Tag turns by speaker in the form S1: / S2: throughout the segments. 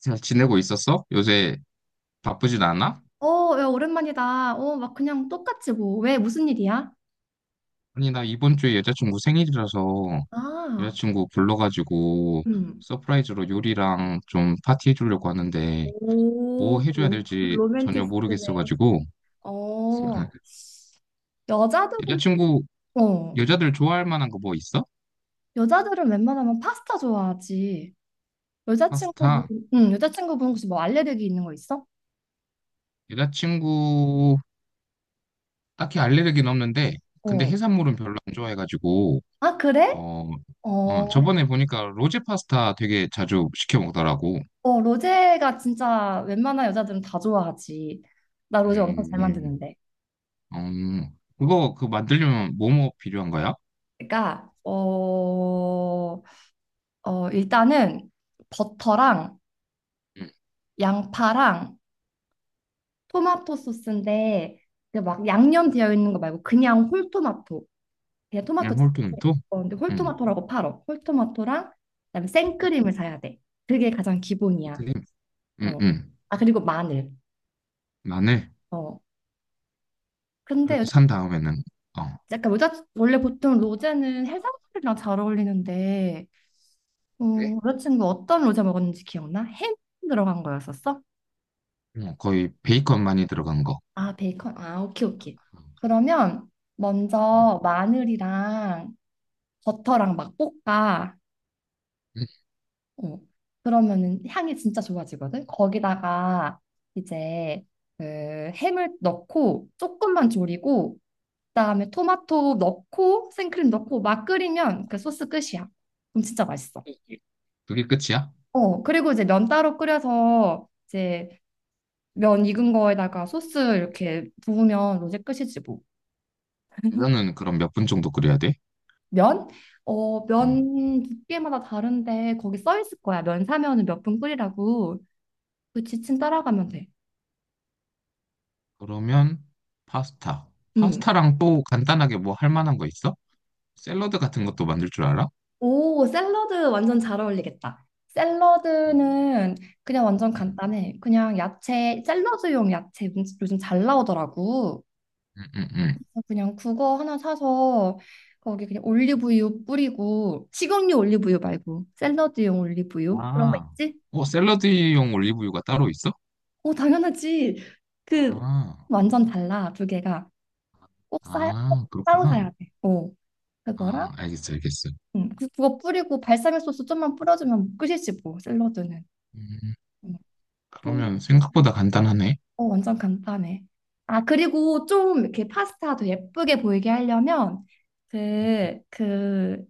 S1: 잘 지내고 있었어? 요새 바쁘진 않아?
S2: 어, 야, 오랜만이다. 어, 막 그냥 똑같지 뭐. 왜 무슨 일이야?
S1: 아니, 나 이번 주에 여자친구 생일이라서
S2: 아,
S1: 여자친구 불러가지고
S2: 음.
S1: 서프라이즈로 요리랑 좀 파티 해주려고 하는데 뭐
S2: 오,
S1: 해줘야 될지 전혀
S2: 로맨티스트네.
S1: 모르겠어가지고
S2: 어, 여자들은
S1: 여자친구,
S2: 어,
S1: 여자들 좋아할 만한 거 뭐 있어?
S2: 여자들은 웬만하면 파스타 좋아하지. 여자친구분,
S1: 파스타.
S2: 응, 여자친구분 혹시 뭐 알레르기 있는 거 있어?
S1: 여자친구, 딱히 알레르기는 없는데 근데
S2: 어.
S1: 해산물은 별로 안 좋아해가지고
S2: 아, 그래?
S1: 어, 어,
S2: 어,
S1: 저번에 보니까 로제 파스타 되게 자주 시켜 먹더라고.
S2: 어, 로제가 진짜 웬만한 여자들은 다 좋아하지. 나 로제 엄청 잘
S1: 음.
S2: 만드는데.
S1: 음, 그거 만들려면 뭐뭐 필요한 거야?
S2: 그러니까 어, 어, 일단은 버터랑
S1: 응.
S2: 양파랑 토마토 소스인데, 그막 양념 되어 있는 거 말고 그냥 홀토마토, 그냥 토마토
S1: 그냥
S2: 자체.
S1: 홀토마토?
S2: 어, 근데
S1: 응.
S2: 홀토마토라고 팔어. 홀토마토랑 그다음에
S1: 응.
S2: 생크림을 사야 돼. 그게 가장 기본이야.
S1: 림. 응,
S2: 어,
S1: 응.
S2: 아, 그리고 마늘.
S1: 마늘.
S2: 어, 근데
S1: 이렇게
S2: 여자
S1: 산 다음에는? 어.
S2: 약간 여자 원래 보통 로제는 해산물이랑 잘 어울리는데,
S1: 그래?
S2: 어, 여자친구 어떤 로제 먹었는지 기억나? 햄 들어간 거였었어?
S1: 응, 거의 베이컨 많이 들어간 거.
S2: 아, 베이컨, 아, 오케이 오케이. 그러면
S1: 응.
S2: 먼저 마늘이랑 버터랑 막 볶아.
S1: 응.
S2: 어. 그러면은 향이 진짜 좋아지거든. 거기다가 이제 그 햄을 넣고 조금만 졸이고, 그다음에 토마토 넣고 생크림 넣고 막 끓이면 그 소스 끝이야. 그럼 진짜 맛있어.
S1: 그게 끝이야?
S2: 어, 그리고 이제 면 따로 끓여서, 이제 면 익은 거에다가 소스 이렇게 부으면 로제 끝이지 뭐.
S1: 면은 그럼 몇 분 정도 끓여야 돼?
S2: 면? 어,
S1: 응.
S2: 면 두께마다 다른데 거기 써 있을 거야. 면 사면은 몇 분 끓이라고. 그 지침 따라가면 돼.
S1: 그러면 파스타.
S2: 음.
S1: 파스타랑 또 간단하게 뭐 할 만한 거 있어? 샐러드 같은 것도 만들 줄 알아?
S2: 오, 샐러드 완전 잘 어울리겠다.
S1: 응.
S2: 샐러드는 그냥 완전
S1: 응.
S2: 간단해. 그냥 야채, 샐러드용 야채 요즘 잘 나오더라고.
S1: 응. 응. 응.
S2: 그냥 그거 하나 사서 거기 그냥 올리브유 뿌리고, 식용유 올리브유 말고 샐러드용 올리브유, 그런 거
S1: 아.
S2: 있지?
S1: 샐러드용 올리브유가 따로 있어?
S2: 오, 당연하지. 그
S1: 아.
S2: 완전 달라, 두 개가. 꼭 사, 꼭
S1: 아,
S2: 따로
S1: 그렇구나.
S2: 사야 돼. 오, 그거랑
S1: 아, 알겠어, 알겠어.
S2: 그거 뿌리고 발사믹 소스 좀만 뿌려주면 끝이지 뭐, 샐러드는.
S1: 음,
S2: 음, 뿌리.
S1: 그러면 생각보다 간단하네.
S2: 어, 완전 간단해. 아, 그리고 좀 이렇게 파스타도 예쁘게 보이게 하려면 그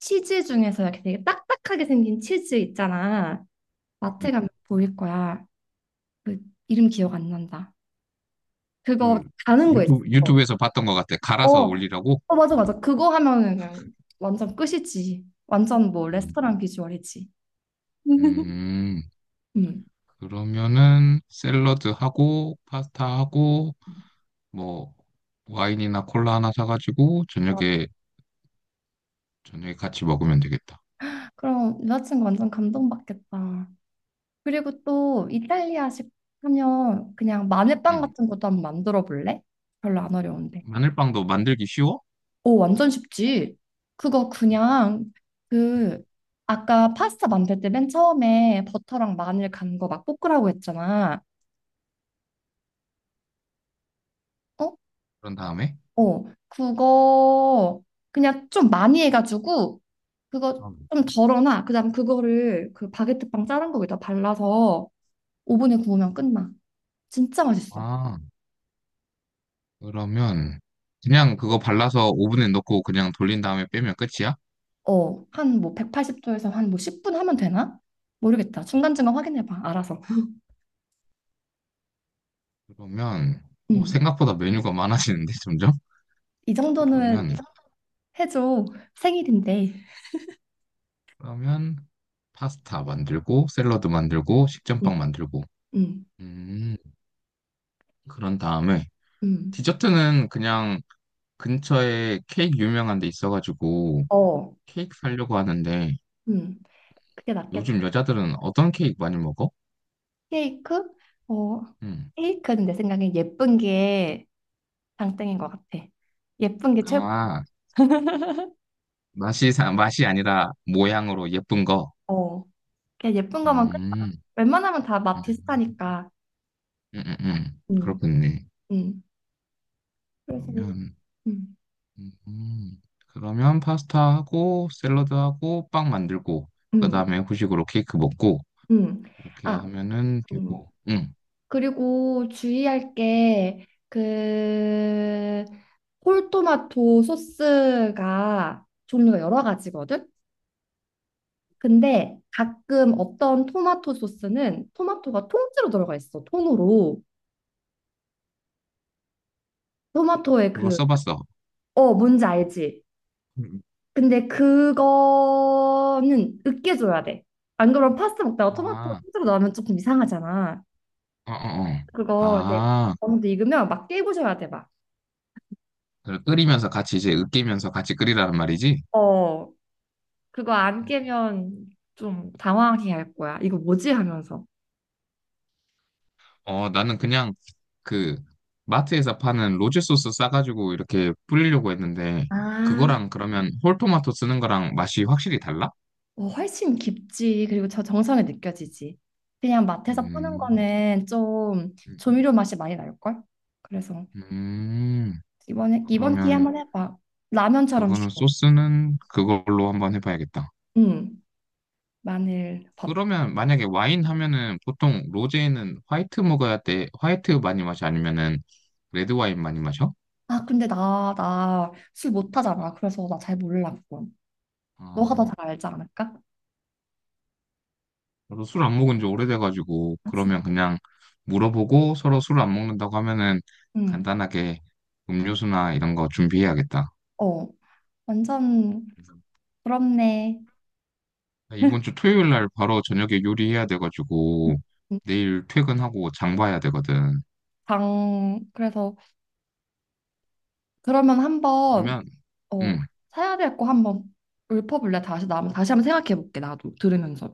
S2: 치즈 중에서 이렇게 되게 딱딱하게 생긴 치즈 있잖아. 마트 가면 보일 거야. 그, 이름 기억 안 난다. 그거
S1: 음, 그
S2: 가는 거 있어.
S1: 유튜브에서 봤던 것 같아.
S2: 어.
S1: 갈아서 올리라고?
S2: 어, 맞아 맞아. 그거 하면은 그냥 완전 끝이지. 완전 뭐
S1: 음,
S2: 레스토랑 비주얼이지.
S1: 음,
S2: 음.
S1: 그러면은 샐러드하고 파스타하고 뭐 와인이나 콜라 하나 사가지고 저녁에 같이 먹으면 되겠다.
S2: 그럼 여자친구 완전 감동받겠다. 그리고 또 이탈리아식 하면 그냥 마늘빵
S1: 음,
S2: 같은 것도 한번 만들어 볼래? 별로 안 어려운데.
S1: 마늘빵도 만들기 쉬워?
S2: 오, 완전 쉽지. 그거 그냥,
S1: 음,
S2: 그, 아까 파스타 만들 때 맨 처음에 버터랑 마늘 간 거 막 볶으라고 했잖아. 어?
S1: 그런 다음에?
S2: 어. 그거 그냥 좀 많이 해가지고 그거 좀 덜어놔. 그다음 그거를 그 바게트빵 자른 거기다 발라서 오븐에 구우면 끝나. 진짜 맛있어.
S1: 아, 그러면 그냥 그거 발라서 오븐에 넣고 그냥 돌린 다음에 빼면 끝이야?
S2: 어, 한 뭐 180도에서 한 뭐 10분 하면 되나? 모르겠다. 중간중간 확인해봐. 알아서.
S1: 그러면
S2: 음,
S1: 오,
S2: 음.
S1: 생각보다 메뉴가 많아지는데 점점?
S2: 이 정도는
S1: 그러면
S2: 해줘. 생일인데.
S1: 그러면 파스타 만들고 샐러드 만들고
S2: 음,
S1: 식전빵 만들고
S2: 음,
S1: 음 그런 다음에
S2: 음.
S1: 디저트는 그냥 근처에 케이크 유명한 데 있어가지고
S2: 어,
S1: 케이크 사려고 하는데
S2: 음. 그게 낫겠다.
S1: 요즘 여자들은 어떤 케이크 많이 먹어?
S2: 케이크? 어,
S1: 음.
S2: 케이크는 내 생각엔 예쁜 게 장땡인 것 같아. 예쁜 게 최고.
S1: 아, 맛이 아니라 모양으로 예쁜 거.
S2: 어, 그냥 예쁜 거만 끝나.
S1: 음.
S2: 웬만하면 다 맛
S1: 음.
S2: 비슷하니까. 음,
S1: 그렇겠네.
S2: 음. 그래서,
S1: 그러면,
S2: 음,
S1: 음, 음. 그러면 파스타하고 샐러드하고 빵 만들고, 그
S2: 음,
S1: 다음에 후식으로 케이크 먹고,
S2: 음.
S1: 이렇게
S2: 아,
S1: 하면은
S2: 음.
S1: 되고, 응.
S2: 그리고 주의할 게, 그, 홀토마토 소스가 종류가 여러 가지거든? 근데 가끔 어떤 토마토 소스는 토마토가 통째로 들어가 있어, 통으로. 토마토의
S1: 이거
S2: 그,
S1: 써봤어.
S2: 어, 뭔지 알지?
S1: 음.
S2: 근데 그거는 으깨줘야 돼. 안 그러면 파스타 먹다가 토마토
S1: 아,
S2: 통째로 나오면 조금 이상하잖아.
S1: 어, 어, 어.
S2: 그거 이제
S1: 아,
S2: 어느 정도 익으면 막 깨부셔야 돼, 막.
S1: 그걸 끓이면서 같이 이제 으깨면서 같이 끓이라는 말이지?
S2: 어. 그거 안 깨면 좀 당황해 할 거야. 이거 뭐지? 하면서.
S1: 어, 나는 그냥 그 마트에서 파는 로제 소스 싸가지고 이렇게 뿌리려고 했는데,
S2: 아,
S1: 그거랑 그러면 홀토마토 쓰는 거랑 맛이 확실히 달라?
S2: 어, 훨씬 깊지. 그리고 저 정성이 느껴지지. 그냥 마트에서 파는
S1: 음.
S2: 거는 좀
S1: 음.
S2: 조미료 맛이 많이 날걸? 그래서
S1: 음,
S2: 이번 기회
S1: 그러면
S2: 한번 해봐. 라면처럼
S1: 그거는
S2: 쉬워.
S1: 소스는 그걸로 한번 해봐야겠다.
S2: 응. 마늘, 밥.
S1: 그러면 만약에 와인 하면은 보통 로제는 화이트 먹어야 돼. 화이트 많이 마셔? 아니면은 레드 와인 많이 마셔?
S2: 아, 근데 나 술 못하잖아. 그래서 나 잘 몰라, 그건. 너가 더
S1: 아,
S2: 잘 알지 않을까?
S1: 저도 술 안 먹은 지 오래돼가지고
S2: 아, 진,
S1: 그러면 그냥 물어보고 서로 술 안 먹는다고 하면은
S2: 응.
S1: 간단하게 음료수나 이런 거 준비해야겠다.
S2: 어, 완전 부럽네.
S1: 이번 주 토요일 날 바로 저녁에 요리해야 돼가지고
S2: 응.
S1: 내일 퇴근하고 장 봐야 되거든.
S2: 장, 그래서 그러면 한번,
S1: 그러면
S2: 어,
S1: 음,
S2: 사야 될 거 한번 읊어볼래? 다시 나 다시 한번 생각해 볼게, 나도 들으면서.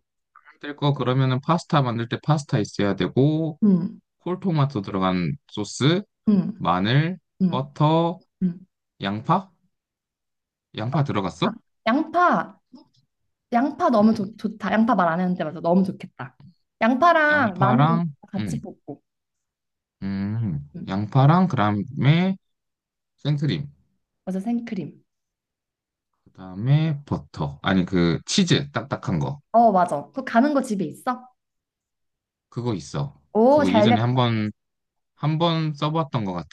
S1: 될 거, 그러면은 파스타 만들 때 파스타 있어야 되고
S2: 음,
S1: 콜토마토 들어간 소스,
S2: 음,
S1: 마늘,
S2: 음,
S1: 버터,
S2: 음.
S1: 양파? 양파
S2: 아,
S1: 들어갔어?
S2: 양파 양파
S1: 응.
S2: 너무 좋다. 양파 말 안 했는데 맞아 너무 좋겠다. 양파랑 마늘
S1: 양파랑
S2: 같이
S1: 응,
S2: 볶고.
S1: 음,
S2: 음,
S1: 양파랑 그다음에 생크림,
S2: 맞아 생크림.
S1: 그다음에 버터. 아니, 그 치즈 딱딱한 거.
S2: 어 맞아. 그거 가는 거 집에 있어?
S1: 그거 있어.
S2: 오,
S1: 그거
S2: 잘됐.
S1: 예전에 한번 써봤던 것 같아.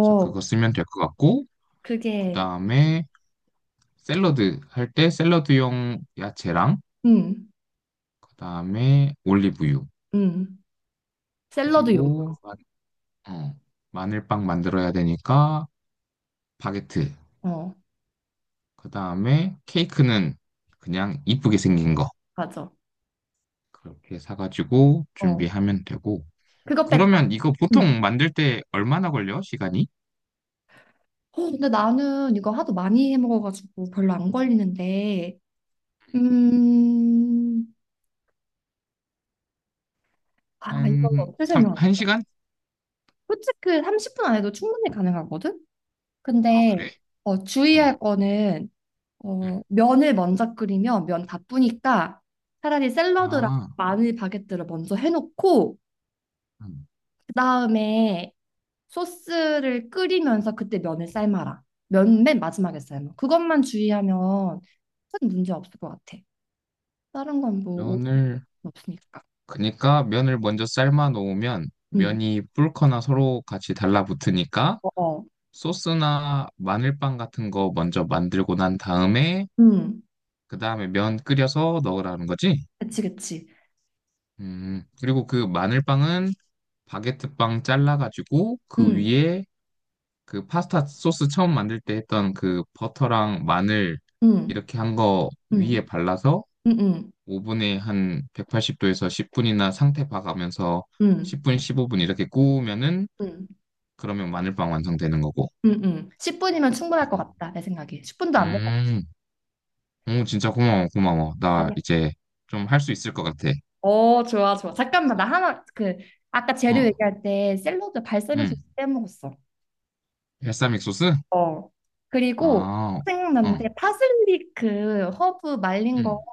S1: 그래서 그거 쓰면 될 것 같고
S2: 그게
S1: 그다음에 샐러드 할 때 샐러드용 야채랑
S2: 음,
S1: 그다음에 올리브유.
S2: 음. 샐러드용.
S1: 그리고 어, 마늘빵 만들어야 되니까 바게트.
S2: 어
S1: 그 다음에 케이크는 그냥 이쁘게 생긴 거
S2: 맞아.
S1: 그렇게 사가지고
S2: 어,
S1: 준비하면 되고.
S2: 그거 뺐다.
S1: 그러면 이거
S2: 응.
S1: 보통 만들 때 얼마나 걸려? 시간이?
S2: 어, 근데 나는 이거 하도 많이 해 먹어가지고 별로 안 걸리는데, 음, 아, 이걸
S1: 한
S2: 어떻게 설명할까?
S1: 1시간.
S2: 솔직히 30분 안에도 충분히 가능하거든?
S1: 아,
S2: 근데,
S1: 그래?
S2: 어,
S1: 응.
S2: 주의할 거는, 어,
S1: 응.
S2: 면을 먼저 끓이면 면 다 뿌니까 차라리 샐러드랑
S1: 아,
S2: 마늘 바게트를 먼저 해놓고,
S1: 음.
S2: 그 다음에 소스를 끓이면서 그때 면을 삶아라. 면 맨 마지막에 삶아. 그것만 주의하면 큰 문제 없을 것 같아. 다른 건뭐
S1: 면을
S2: 없으니까.
S1: 그러니까 면을 먼저 삶아 놓으면
S2: 음.
S1: 면이 불거나 서로 같이 달라붙으니까
S2: 어, 어.
S1: 소스나 마늘빵 같은 거 먼저 만들고 난 다음에
S2: 응,
S1: 그 다음에 면 끓여서 넣으라는 거지?
S2: 그치, 그치.
S1: 그리고 그 마늘빵은 바게트빵 잘라가지고 그
S2: 음.
S1: 위에 그 파스타 소스 처음 만들 때 했던 그 버터랑 마늘
S2: 음.
S1: 이렇게 한 거 위에
S2: 음,
S1: 발라서
S2: 음.
S1: 오븐에 한 180도에서 10분이나 상태 봐가면서
S2: 음,
S1: 10분, 15분 이렇게 구우면은
S2: 음.
S1: 그러면 마늘빵 완성되는 거고.
S2: 응, 응. 10분이면 충분할 것 같다, 내 생각에. 10분도 안될 것
S1: 음, 오, 진짜 고마워, 고마워.
S2: 같아.
S1: 나
S2: 아니야.
S1: 이제 좀 할 수 있을 것 같아.
S2: 어, 좋아, 좋아. 잠깐만, 나 하나, 그, 아까 재료
S1: 어,
S2: 얘기할 때 샐러드 발사믹
S1: 음,
S2: 소스 빼먹었어.
S1: 발사믹 소스?
S2: 어. 그리고
S1: 아, 어,
S2: 생각났는데 파슬리 그 허브 말린 거,
S1: 응,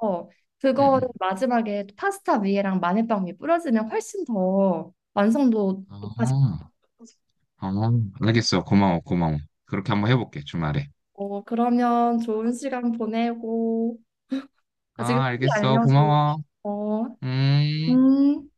S1: 응, 응.
S2: 그거를 마지막에 파스타 위에랑 마늘빵 위에 뿌려주면 훨씬 더 완성도 높아질.
S1: 아, 아, 알겠어. 고마워, 고마워. 그렇게 한번 해볼게, 주말에.
S2: 어, 그러면 좋은 시간 보내고, 아, 지금
S1: 아,
S2: 후기
S1: 알겠어.
S2: 알려줘.
S1: 고마워.
S2: 어,
S1: 음.
S2: 음.